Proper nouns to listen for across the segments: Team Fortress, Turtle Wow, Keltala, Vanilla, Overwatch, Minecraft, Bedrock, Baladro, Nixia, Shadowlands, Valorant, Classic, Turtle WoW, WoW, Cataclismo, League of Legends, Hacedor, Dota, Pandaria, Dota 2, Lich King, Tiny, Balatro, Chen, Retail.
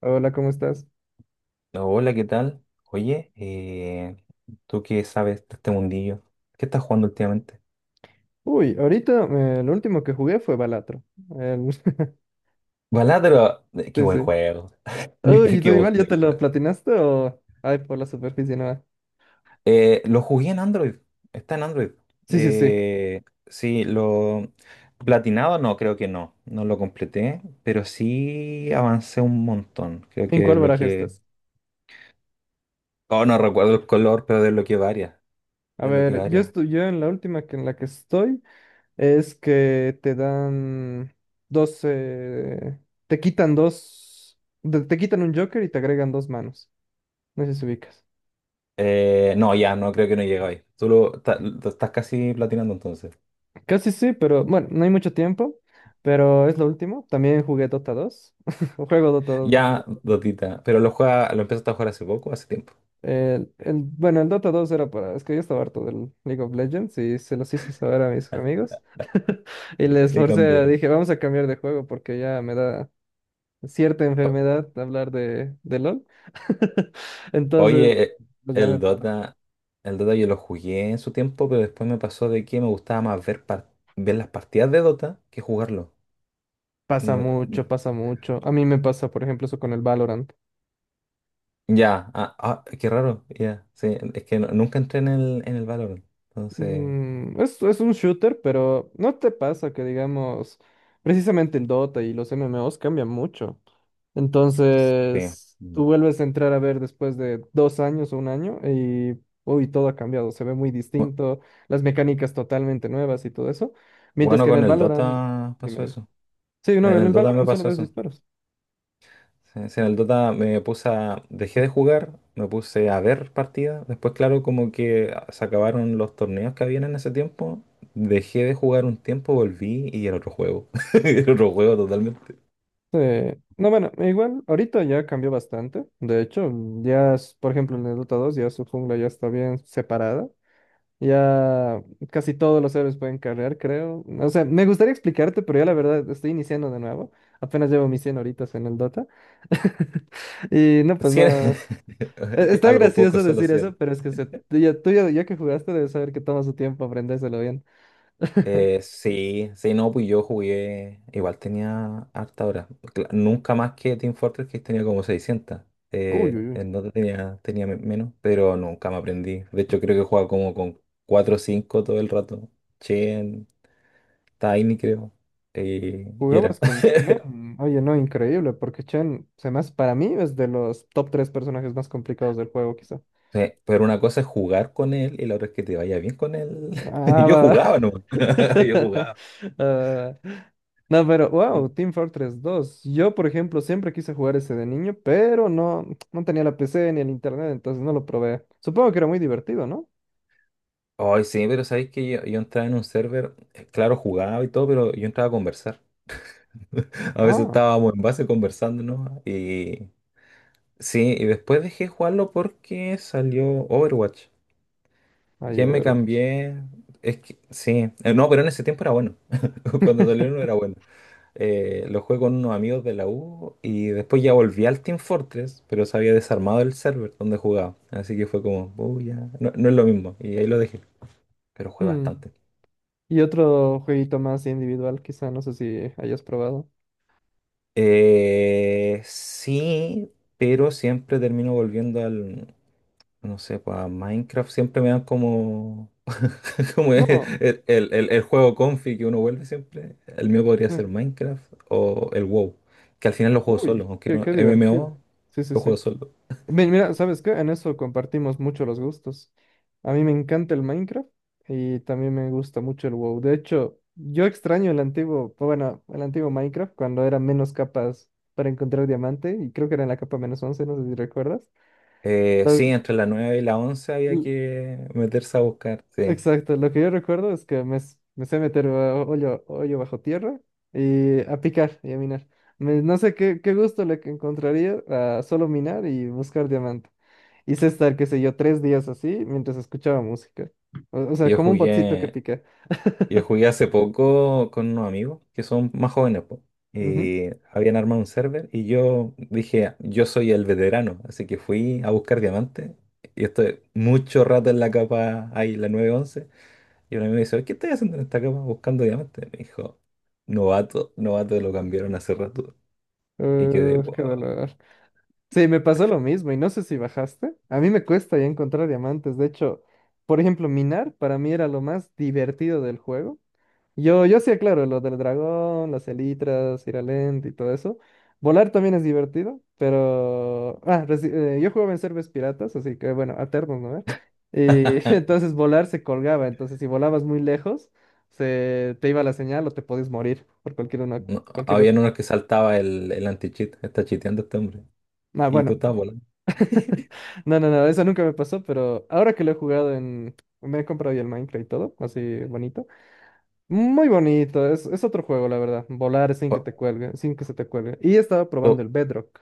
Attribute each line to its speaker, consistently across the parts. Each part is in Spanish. Speaker 1: Hola, ¿cómo estás?
Speaker 2: Hola, ¿qué tal? Oye, ¿tú qué sabes de este mundillo? ¿Qué estás jugando últimamente?
Speaker 1: Uy, ahorita lo último que jugué fue Balatro. El-
Speaker 2: Baladro, qué
Speaker 1: Sí,
Speaker 2: buen
Speaker 1: sí.
Speaker 2: juego.
Speaker 1: Uy, ¿tú
Speaker 2: Qué buen
Speaker 1: igual ya te lo
Speaker 2: juego.
Speaker 1: platinaste o...? Ay, por la superficie nada.
Speaker 2: Lo jugué en Android. Está en Android.
Speaker 1: Sí, sí, sí.
Speaker 2: Sí, lo platinado no, creo que no. No lo completé, pero sí avancé un montón. Creo
Speaker 1: ¿En
Speaker 2: que
Speaker 1: cuál baraja
Speaker 2: desbloqueé.
Speaker 1: estás?
Speaker 2: Oh, no recuerdo el color, pero desbloqueé varias.
Speaker 1: A
Speaker 2: Desbloqueé
Speaker 1: ver, yo
Speaker 2: varias.
Speaker 1: estoy, yo en la última que en la que estoy es que te dan 12... Te quitan dos... Te quitan un Joker y te agregan dos manos. No sé si ubicas.
Speaker 2: No, ya, no creo que no llega ahí. Tú lo estás casi platinando entonces.
Speaker 1: Casi sí, pero bueno, no hay mucho tiempo. Pero es lo último. También jugué Dota 2. Juego Dota dos.
Speaker 2: Ya, Dotita, pero lo empezaste a jugar hace poco, hace tiempo.
Speaker 1: Bueno, el Dota 2 era para... Es que yo estaba harto del League of Legends y se los hice saber a mis amigos. Y les forcé,
Speaker 2: Cambiaron.
Speaker 1: dije, vamos a cambiar de juego porque ya me da cierta
Speaker 2: O-
Speaker 1: enfermedad hablar de LOL. Entonces,
Speaker 2: Oye,
Speaker 1: pues ya me
Speaker 2: el
Speaker 1: pasa.
Speaker 2: Dota, el Dota yo lo jugué en su tiempo, pero después me pasó de que me gustaba más ver, ver las partidas de Dota que jugarlo.
Speaker 1: Pasa
Speaker 2: No-
Speaker 1: mucho, pasa mucho. A mí me pasa, por ejemplo, eso con el Valorant.
Speaker 2: ya, ah, ah, qué raro, ya, sí, es que nunca entré en el Valorant, entonces,
Speaker 1: Mm, es un shooter, pero no te pasa que, digamos, precisamente el Dota y los MMOs cambian mucho.
Speaker 2: sí.
Speaker 1: Entonces,
Speaker 2: Mm.
Speaker 1: tú vuelves a entrar a ver después de 2 años o un año y, uy, todo ha cambiado, se ve muy
Speaker 2: Bu-
Speaker 1: distinto, las mecánicas totalmente nuevas y todo eso. Mientras
Speaker 2: Bueno,
Speaker 1: que en
Speaker 2: con
Speaker 1: el
Speaker 2: el
Speaker 1: Valorant,
Speaker 2: Dota
Speaker 1: dime,
Speaker 2: pasó
Speaker 1: dime.
Speaker 2: eso,
Speaker 1: Sí, no,
Speaker 2: en
Speaker 1: en
Speaker 2: el
Speaker 1: el
Speaker 2: Dota me
Speaker 1: Valorant solo
Speaker 2: pasó
Speaker 1: ves
Speaker 2: eso.
Speaker 1: disparos.
Speaker 2: Sí, sí, en el Dota me puse a, dejé de jugar, me puse a ver partidas. Después, claro, como que se acabaron los torneos que habían en ese tiempo. Dejé de jugar un tiempo, volví y era otro juego. Era otro juego totalmente.
Speaker 1: No, bueno, igual, ahorita ya cambió bastante. De hecho, ya, por ejemplo, en el Dota 2 ya su jungla ya está bien separada. Ya casi todos los héroes pueden cargar, creo. O sea, me gustaría explicarte, pero yo la verdad estoy iniciando de nuevo. Apenas llevo mis 100 horitas en el Dota. Y no, pues
Speaker 2: Cien-
Speaker 1: no. Está
Speaker 2: Algo poco,
Speaker 1: gracioso
Speaker 2: solo
Speaker 1: decir eso,
Speaker 2: 100.
Speaker 1: pero es que se, tú ya- ya que jugaste debes saber que toma su tiempo aprendérselo bien.
Speaker 2: Sí, sí, no, pues yo jugué, igual tenía harta hora. Nunca más que Team Fortress, que tenía como 600.
Speaker 1: Uy, uy, uy.
Speaker 2: En Dota tenía menos, pero nunca me aprendí. De hecho, creo que jugaba como con 4 o 5 todo el rato. Chen, Tiny, creo. Y era.
Speaker 1: Jugabas con Chen. Oye, no, increíble, porque Chen, para mí es de los top 3 personajes más complicados del juego, quizá.
Speaker 2: Pero una cosa es jugar con él y la otra es que te vaya bien con él.
Speaker 1: Ah,
Speaker 2: Yo jugaba, ¿no?
Speaker 1: va.
Speaker 2: Yo jugaba.
Speaker 1: Ah, no, pero wow,
Speaker 2: Uy.
Speaker 1: Team Fortress dos. Yo, por ejemplo, siempre quise jugar ese de niño, pero no tenía la PC ni el internet, entonces no lo probé. Supongo que era muy divertido, ¿no?
Speaker 2: Ay, sí, pero sabéis que yo entraba en un server, claro, jugaba y todo, pero yo entraba a conversar. A veces
Speaker 1: Ah,
Speaker 2: estábamos en base conversando, ¿no? Y sí, y después dejé jugarlo porque salió Overwatch.
Speaker 1: hay
Speaker 2: Ya me
Speaker 1: Overwatch.
Speaker 2: cambié. Es que sí, no, pero en ese tiempo era bueno. Cuando salió no era bueno. Lo jugué con unos amigos de la U y después ya volví al Team Fortress, pero se había desarmado el server donde jugaba. Así que fue como, "Oh, ya, no, no es lo mismo. Y ahí lo dejé, pero jugué
Speaker 1: Hmm.
Speaker 2: bastante.
Speaker 1: Y otro jueguito más individual, quizá, no sé si hayas probado.
Speaker 2: Sí, pero siempre termino volviendo al, no sé, pues a Minecraft siempre me dan como, como el,
Speaker 1: No.
Speaker 2: el- el- el juego confi que uno vuelve siempre. El mío podría
Speaker 1: eh,
Speaker 2: ser Minecraft o el WoW, que al final lo juego solo,
Speaker 1: Uy,
Speaker 2: aunque
Speaker 1: qué,
Speaker 2: no
Speaker 1: qué divertido.
Speaker 2: MMO,
Speaker 1: Sí, sí,
Speaker 2: lo
Speaker 1: sí.
Speaker 2: juego solo.
Speaker 1: Mira, ¿sabes qué? En eso compartimos mucho los gustos. A mí me encanta el Minecraft y también me gusta mucho el WoW. De hecho, yo extraño el antiguo, bueno, el antiguo Minecraft cuando era menos capas para encontrar diamante y creo que era en la capa menos once, no sé si recuerdas. Lo-
Speaker 2: Sí, entre la 9 y la 11 había
Speaker 1: l-
Speaker 2: que meterse a buscar, sí.
Speaker 1: exacto, lo que yo recuerdo es que me sé meter a hoyo, hoyo bajo tierra y a picar y a minar. No sé qué, qué gusto le que encontraría a solo minar y buscar diamantes. Hice estar, qué sé yo, 3 días así mientras escuchaba música. O sea,
Speaker 2: Yo
Speaker 1: como un botcito que
Speaker 2: jugué
Speaker 1: pica.
Speaker 2: Yo jugué hace poco con unos amigos que son más jóvenes, po,
Speaker 1: Ujú.
Speaker 2: y habían armado un server y yo dije, yo soy el veterano, así que fui a buscar diamantes y estoy mucho rato en la capa ahí, la nueve once y un amigo me dice, ¿qué estás haciendo en esta capa buscando diamantes? Me dijo, novato, novato, lo cambiaron hace rato y quedé, wow.
Speaker 1: Qué dolor. Sí, me pasó lo mismo y no sé si bajaste. A mí me cuesta ya encontrar diamantes. De hecho, por ejemplo, minar para mí era lo más divertido del juego. Yo sí aclaro, lo del dragón, las elitras, ir a lente y todo eso. Volar también es divertido, pero... Ah, yo jugaba en servers piratas, así que bueno, alternos, ¿no? Y entonces volar se colgaba, entonces si volabas muy lejos, se... te iba la señal o te podías morir por cualquier una...
Speaker 2: No,
Speaker 1: cualquier
Speaker 2: habían
Speaker 1: razón.
Speaker 2: unos que saltaba el anti-cheat, está chiteando este hombre,
Speaker 1: Ah,
Speaker 2: y
Speaker 1: bueno.
Speaker 2: tú estabas volando.
Speaker 1: No, no, no, eso nunca me pasó, pero ahora que lo he jugado en... Me he comprado ya el Minecraft y todo, así bonito. Muy bonito, es otro juego, la verdad. Volar sin que te cuelgue, sin que se te cuelgue. Y estaba probando el Bedrock.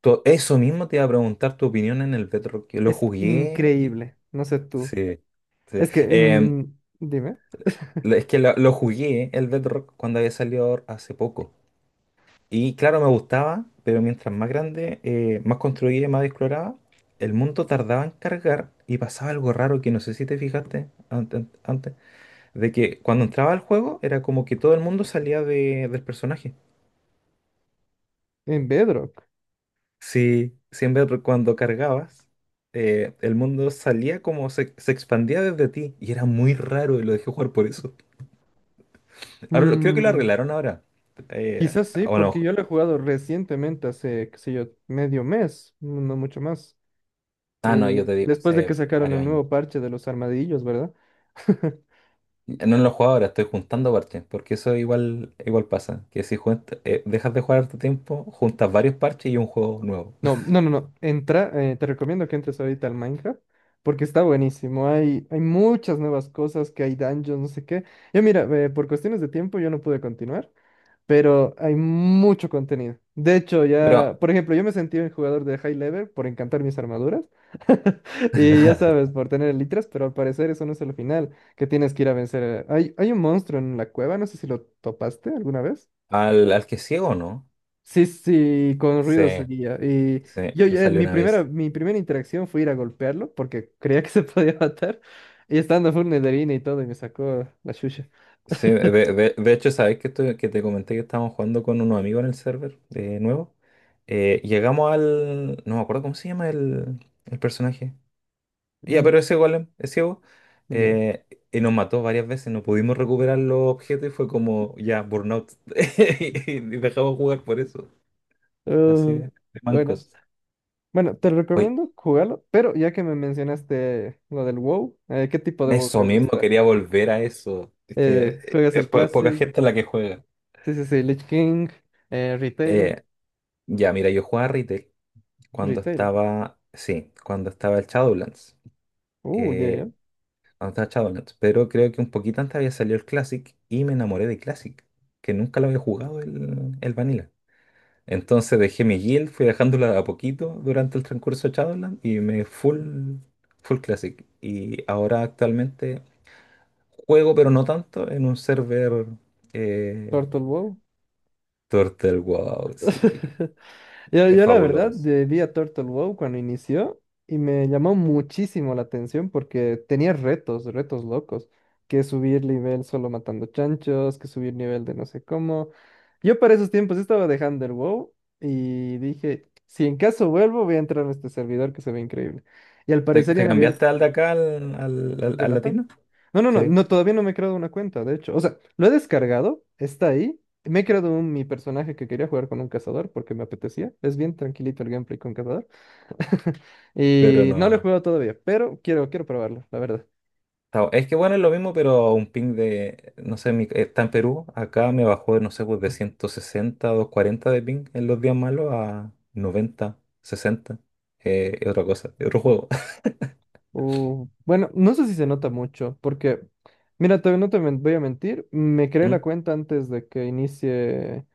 Speaker 2: Eso mismo te iba a preguntar tu opinión en el Bedrock. Yo lo
Speaker 1: Es
Speaker 2: jugué.
Speaker 1: increíble. No sé tú.
Speaker 2: Sí, sí.
Speaker 1: Es que, dime,
Speaker 2: Es que lo jugué el Bedrock cuando había salido hace poco. Y claro, me gustaba, pero mientras más grande, más construía y más exploraba, el mundo tardaba en cargar y pasaba algo raro que no sé si te fijaste antes, de que cuando entraba al juego era como que todo el mundo salía del personaje.
Speaker 1: en Bedrock.
Speaker 2: Sí, siempre cuando cargabas, el mundo salía como se expandía desde ti y era muy raro y lo dejé jugar por eso. Ahora creo que lo
Speaker 1: mm,
Speaker 2: arreglaron ahora. Eh,
Speaker 1: Quizás sí,
Speaker 2: o no.
Speaker 1: porque yo lo he jugado recientemente, hace, qué sé yo, medio mes, no mucho más.
Speaker 2: Ah, no, yo te digo,
Speaker 1: Después de que
Speaker 2: hace
Speaker 1: sacaron
Speaker 2: varios
Speaker 1: el
Speaker 2: años.
Speaker 1: nuevo parche de los armadillos, ¿verdad?
Speaker 2: No lo juego ahora, estoy juntando parches, porque eso igual pasa, que si dejas de jugar harto tiempo, juntas varios parches y un juego nuevo.
Speaker 1: No, no, no, no. Entra, te recomiendo que entres ahorita al Minecraft porque está buenísimo. Hay muchas nuevas cosas, que hay dungeons, no sé qué. Yo mira, por cuestiones de tiempo yo no pude continuar, pero hay mucho contenido. De hecho,
Speaker 2: Pero
Speaker 1: ya, por ejemplo, yo me sentí un jugador de high level por encantar mis armaduras. Y ya sabes, por tener elitras, pero al parecer eso no es el final, que tienes que ir a vencer. Hay un monstruo en la cueva, no sé si lo topaste alguna vez.
Speaker 2: al que ciego, ¿no?
Speaker 1: Sí, sí, con
Speaker 2: Sí,
Speaker 1: ruido seguía. Y
Speaker 2: sí,
Speaker 1: yo,
Speaker 2: me
Speaker 1: ya-
Speaker 2: salió una vez.
Speaker 1: mi primera interacción fue ir a golpearlo porque creía que se podía matar. Y estando full Netherina y todo, y me sacó la chucha.
Speaker 2: Sí, de hecho, sabes que, que te comenté que estábamos jugando con unos amigos en el server de nuevo. Llegamos al. No me acuerdo cómo se llama el personaje. Ya,
Speaker 1: Mm,
Speaker 2: pero ese golem es ciego.
Speaker 1: ya.
Speaker 2: eh, y nos mató varias veces. No pudimos recuperar los objetos y fue como ya, burnout. Y dejamos jugar por eso. Así de,
Speaker 1: Uh,
Speaker 2: de
Speaker 1: bueno.
Speaker 2: mancos.
Speaker 1: Bueno, te
Speaker 2: Oye,
Speaker 1: recomiendo jugarlo, pero ya que me mencionaste lo del WoW, ¿qué tipo de WoW
Speaker 2: eso
Speaker 1: te
Speaker 2: mismo,
Speaker 1: gusta?
Speaker 2: quería volver a eso. Es que
Speaker 1: ¿Juegas
Speaker 2: es
Speaker 1: el
Speaker 2: poca
Speaker 1: Classic?
Speaker 2: gente la que juega.
Speaker 1: Sí, sí, sí, Lich King, Retail,
Speaker 2: Eh, ya, mira, yo jugaba retail. Cuando
Speaker 1: Retail.
Speaker 2: estaba, sí, cuando estaba el Shadowlands.
Speaker 1: Ya,
Speaker 2: eh,
Speaker 1: ya.
Speaker 2: Cuando estaba Shadowlands. Pero creo que un poquito antes había salido el Classic y me enamoré de Classic, que nunca lo había jugado el Vanilla. Entonces dejé mi guild, fui dejándola de a poquito durante el transcurso de Shadowlands y me full Classic. Y ahora actualmente juego, pero no tanto, en un server eh,
Speaker 1: Turtle WoW.
Speaker 2: Turtle Wow, sí,
Speaker 1: Yo,
Speaker 2: es
Speaker 1: yo la verdad
Speaker 2: fabuloso.
Speaker 1: vi a Turtle Wow cuando inició y me llamó muchísimo la atención porque tenía retos, retos locos, que subir nivel solo matando chanchos, que subir nivel de no sé cómo. Yo para esos tiempos estaba dejando el WoW y dije, si en caso vuelvo voy a entrar a este servidor que se ve increíble. Y al
Speaker 2: ¿Te,
Speaker 1: parecer ya
Speaker 2: te
Speaker 1: han abierto.
Speaker 2: cambiaste al de acá al, al, al-
Speaker 1: ¿De
Speaker 2: al
Speaker 1: Latam?
Speaker 2: latino?
Speaker 1: No, no, no,
Speaker 2: Sí.
Speaker 1: no, todavía no me he creado una cuenta, de hecho. O sea, lo he descargado, está ahí. Me he creado mi personaje que quería jugar con un cazador porque me apetecía. Es bien tranquilito el gameplay con cazador.
Speaker 2: Pero
Speaker 1: Y no lo he
Speaker 2: no.
Speaker 1: jugado todavía, pero quiero, quiero probarlo, la verdad.
Speaker 2: Es que bueno, es lo mismo, pero a un ping de, no sé, está en Perú, acá me bajó, no sé, pues de 160 a 240 de ping en los días malos a 90 60. Es otra cosa, es otro juego.
Speaker 1: Bueno, no sé si se nota mucho, porque, mira, te, no te men- voy a mentir, me creé la
Speaker 2: ¿Mm?
Speaker 1: cuenta antes de que inicie,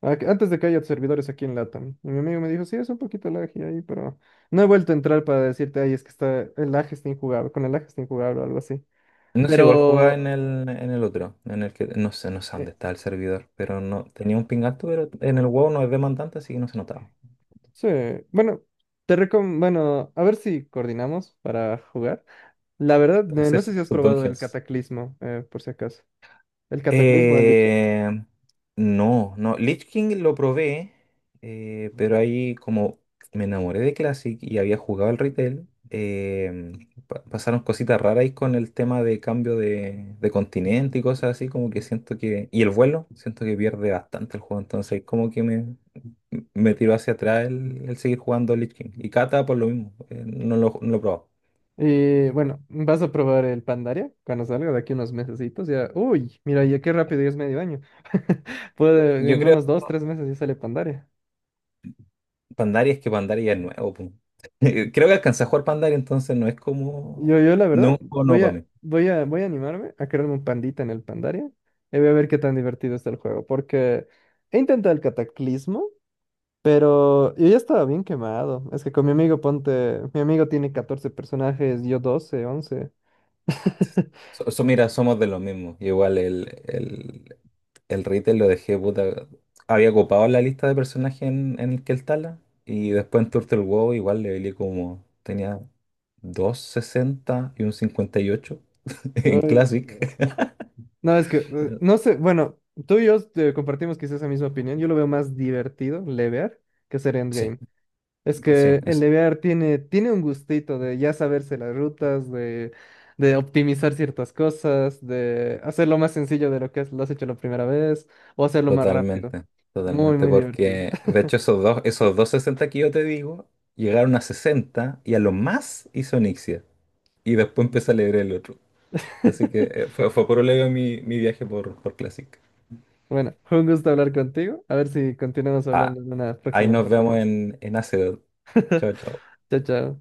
Speaker 1: antes de que haya servidores aquí en LATAM. Y mi amigo me dijo, sí, es un poquito lag y ahí, pero no he vuelto a entrar para decirte, ay, es que está, el lag está injugable, con el lag está injugable o algo así.
Speaker 2: No sé, igual jugaba
Speaker 1: Pero,
Speaker 2: en el otro, en el que no sé
Speaker 1: eh,
Speaker 2: dónde está el servidor, pero no tenía un ping alto, pero en el WoW no es demandante, así que no se notaba.
Speaker 1: sí, bueno, bueno, a ver si coordinamos para jugar. La verdad,
Speaker 2: Hacer
Speaker 1: no sé si has
Speaker 2: sus
Speaker 1: probado el
Speaker 2: dungeons.
Speaker 1: Cataclismo, por si acaso. El Cataclismo, el
Speaker 2: Eh, no, no. Lich King lo probé, pero ahí como me enamoré de Classic y había jugado al retail, pasaron cositas raras ahí con el tema de cambio de continente y cosas así, como que siento que... Y el vuelo, siento que pierde bastante el juego, entonces como que me tiró hacia atrás el seguir jugando Lich King. Y Kata por lo mismo, no lo he probado.
Speaker 1: y bueno, vas a probar el Pandaria cuando salga de aquí unos mesecitos. Ya, uy, mira, ya qué rápido, ya es medio año. Puede,
Speaker 2: Yo
Speaker 1: en
Speaker 2: creo
Speaker 1: unos 2, 3 meses ya sale Pandaria.
Speaker 2: Pandaria Es que Pandaria es nuevo, po. Creo que alcancé a jugar Pandaria, entonces no es
Speaker 1: Yo,
Speaker 2: como.
Speaker 1: yo la
Speaker 2: No es
Speaker 1: verdad,
Speaker 2: un juego nuevo
Speaker 1: voy
Speaker 2: para
Speaker 1: a,
Speaker 2: mí.
Speaker 1: voy a, voy a animarme a crearme un pandita en el Pandaria y voy a ver qué tan divertido está el juego, porque he intentado el Cataclismo, pero yo ya estaba bien quemado. Es que con mi amigo, ponte, mi amigo tiene 14 personajes, yo 12 11.
Speaker 2: Mira, somos de los mismos. Igual el Retail lo dejé, puta. Había ocupado la lista de personajes en el Keltala. Y después en Turtle WoW igual le levelé como. Tenía 260 y un 58 en
Speaker 1: Uy.
Speaker 2: Classic.
Speaker 1: No, es que, no sé, bueno, tú y yo compartimos quizás esa misma opinión. Yo lo veo más divertido, levear, que hacer
Speaker 2: Sí,
Speaker 1: endgame. Es
Speaker 2: pues sí,
Speaker 1: que el levear tiene un gustito de ya saberse las rutas, de optimizar ciertas cosas, de hacerlo más sencillo de lo que lo has hecho la primera vez, o hacerlo más rápido.
Speaker 2: totalmente,
Speaker 1: Muy,
Speaker 2: totalmente,
Speaker 1: muy divertido.
Speaker 2: porque de hecho esos dos 60 que yo te digo, llegaron a 60 y a lo más hizo Nixia. Y después empecé a leer el otro. Así que fue por leve mi viaje por Classic.
Speaker 1: Bueno, fue un gusto hablar contigo. A ver si continuamos
Speaker 2: Ah,
Speaker 1: hablando en una
Speaker 2: ahí
Speaker 1: próxima
Speaker 2: nos vemos
Speaker 1: oportunidad.
Speaker 2: en Hacedor. Chao, chao.
Speaker 1: Chao, chao.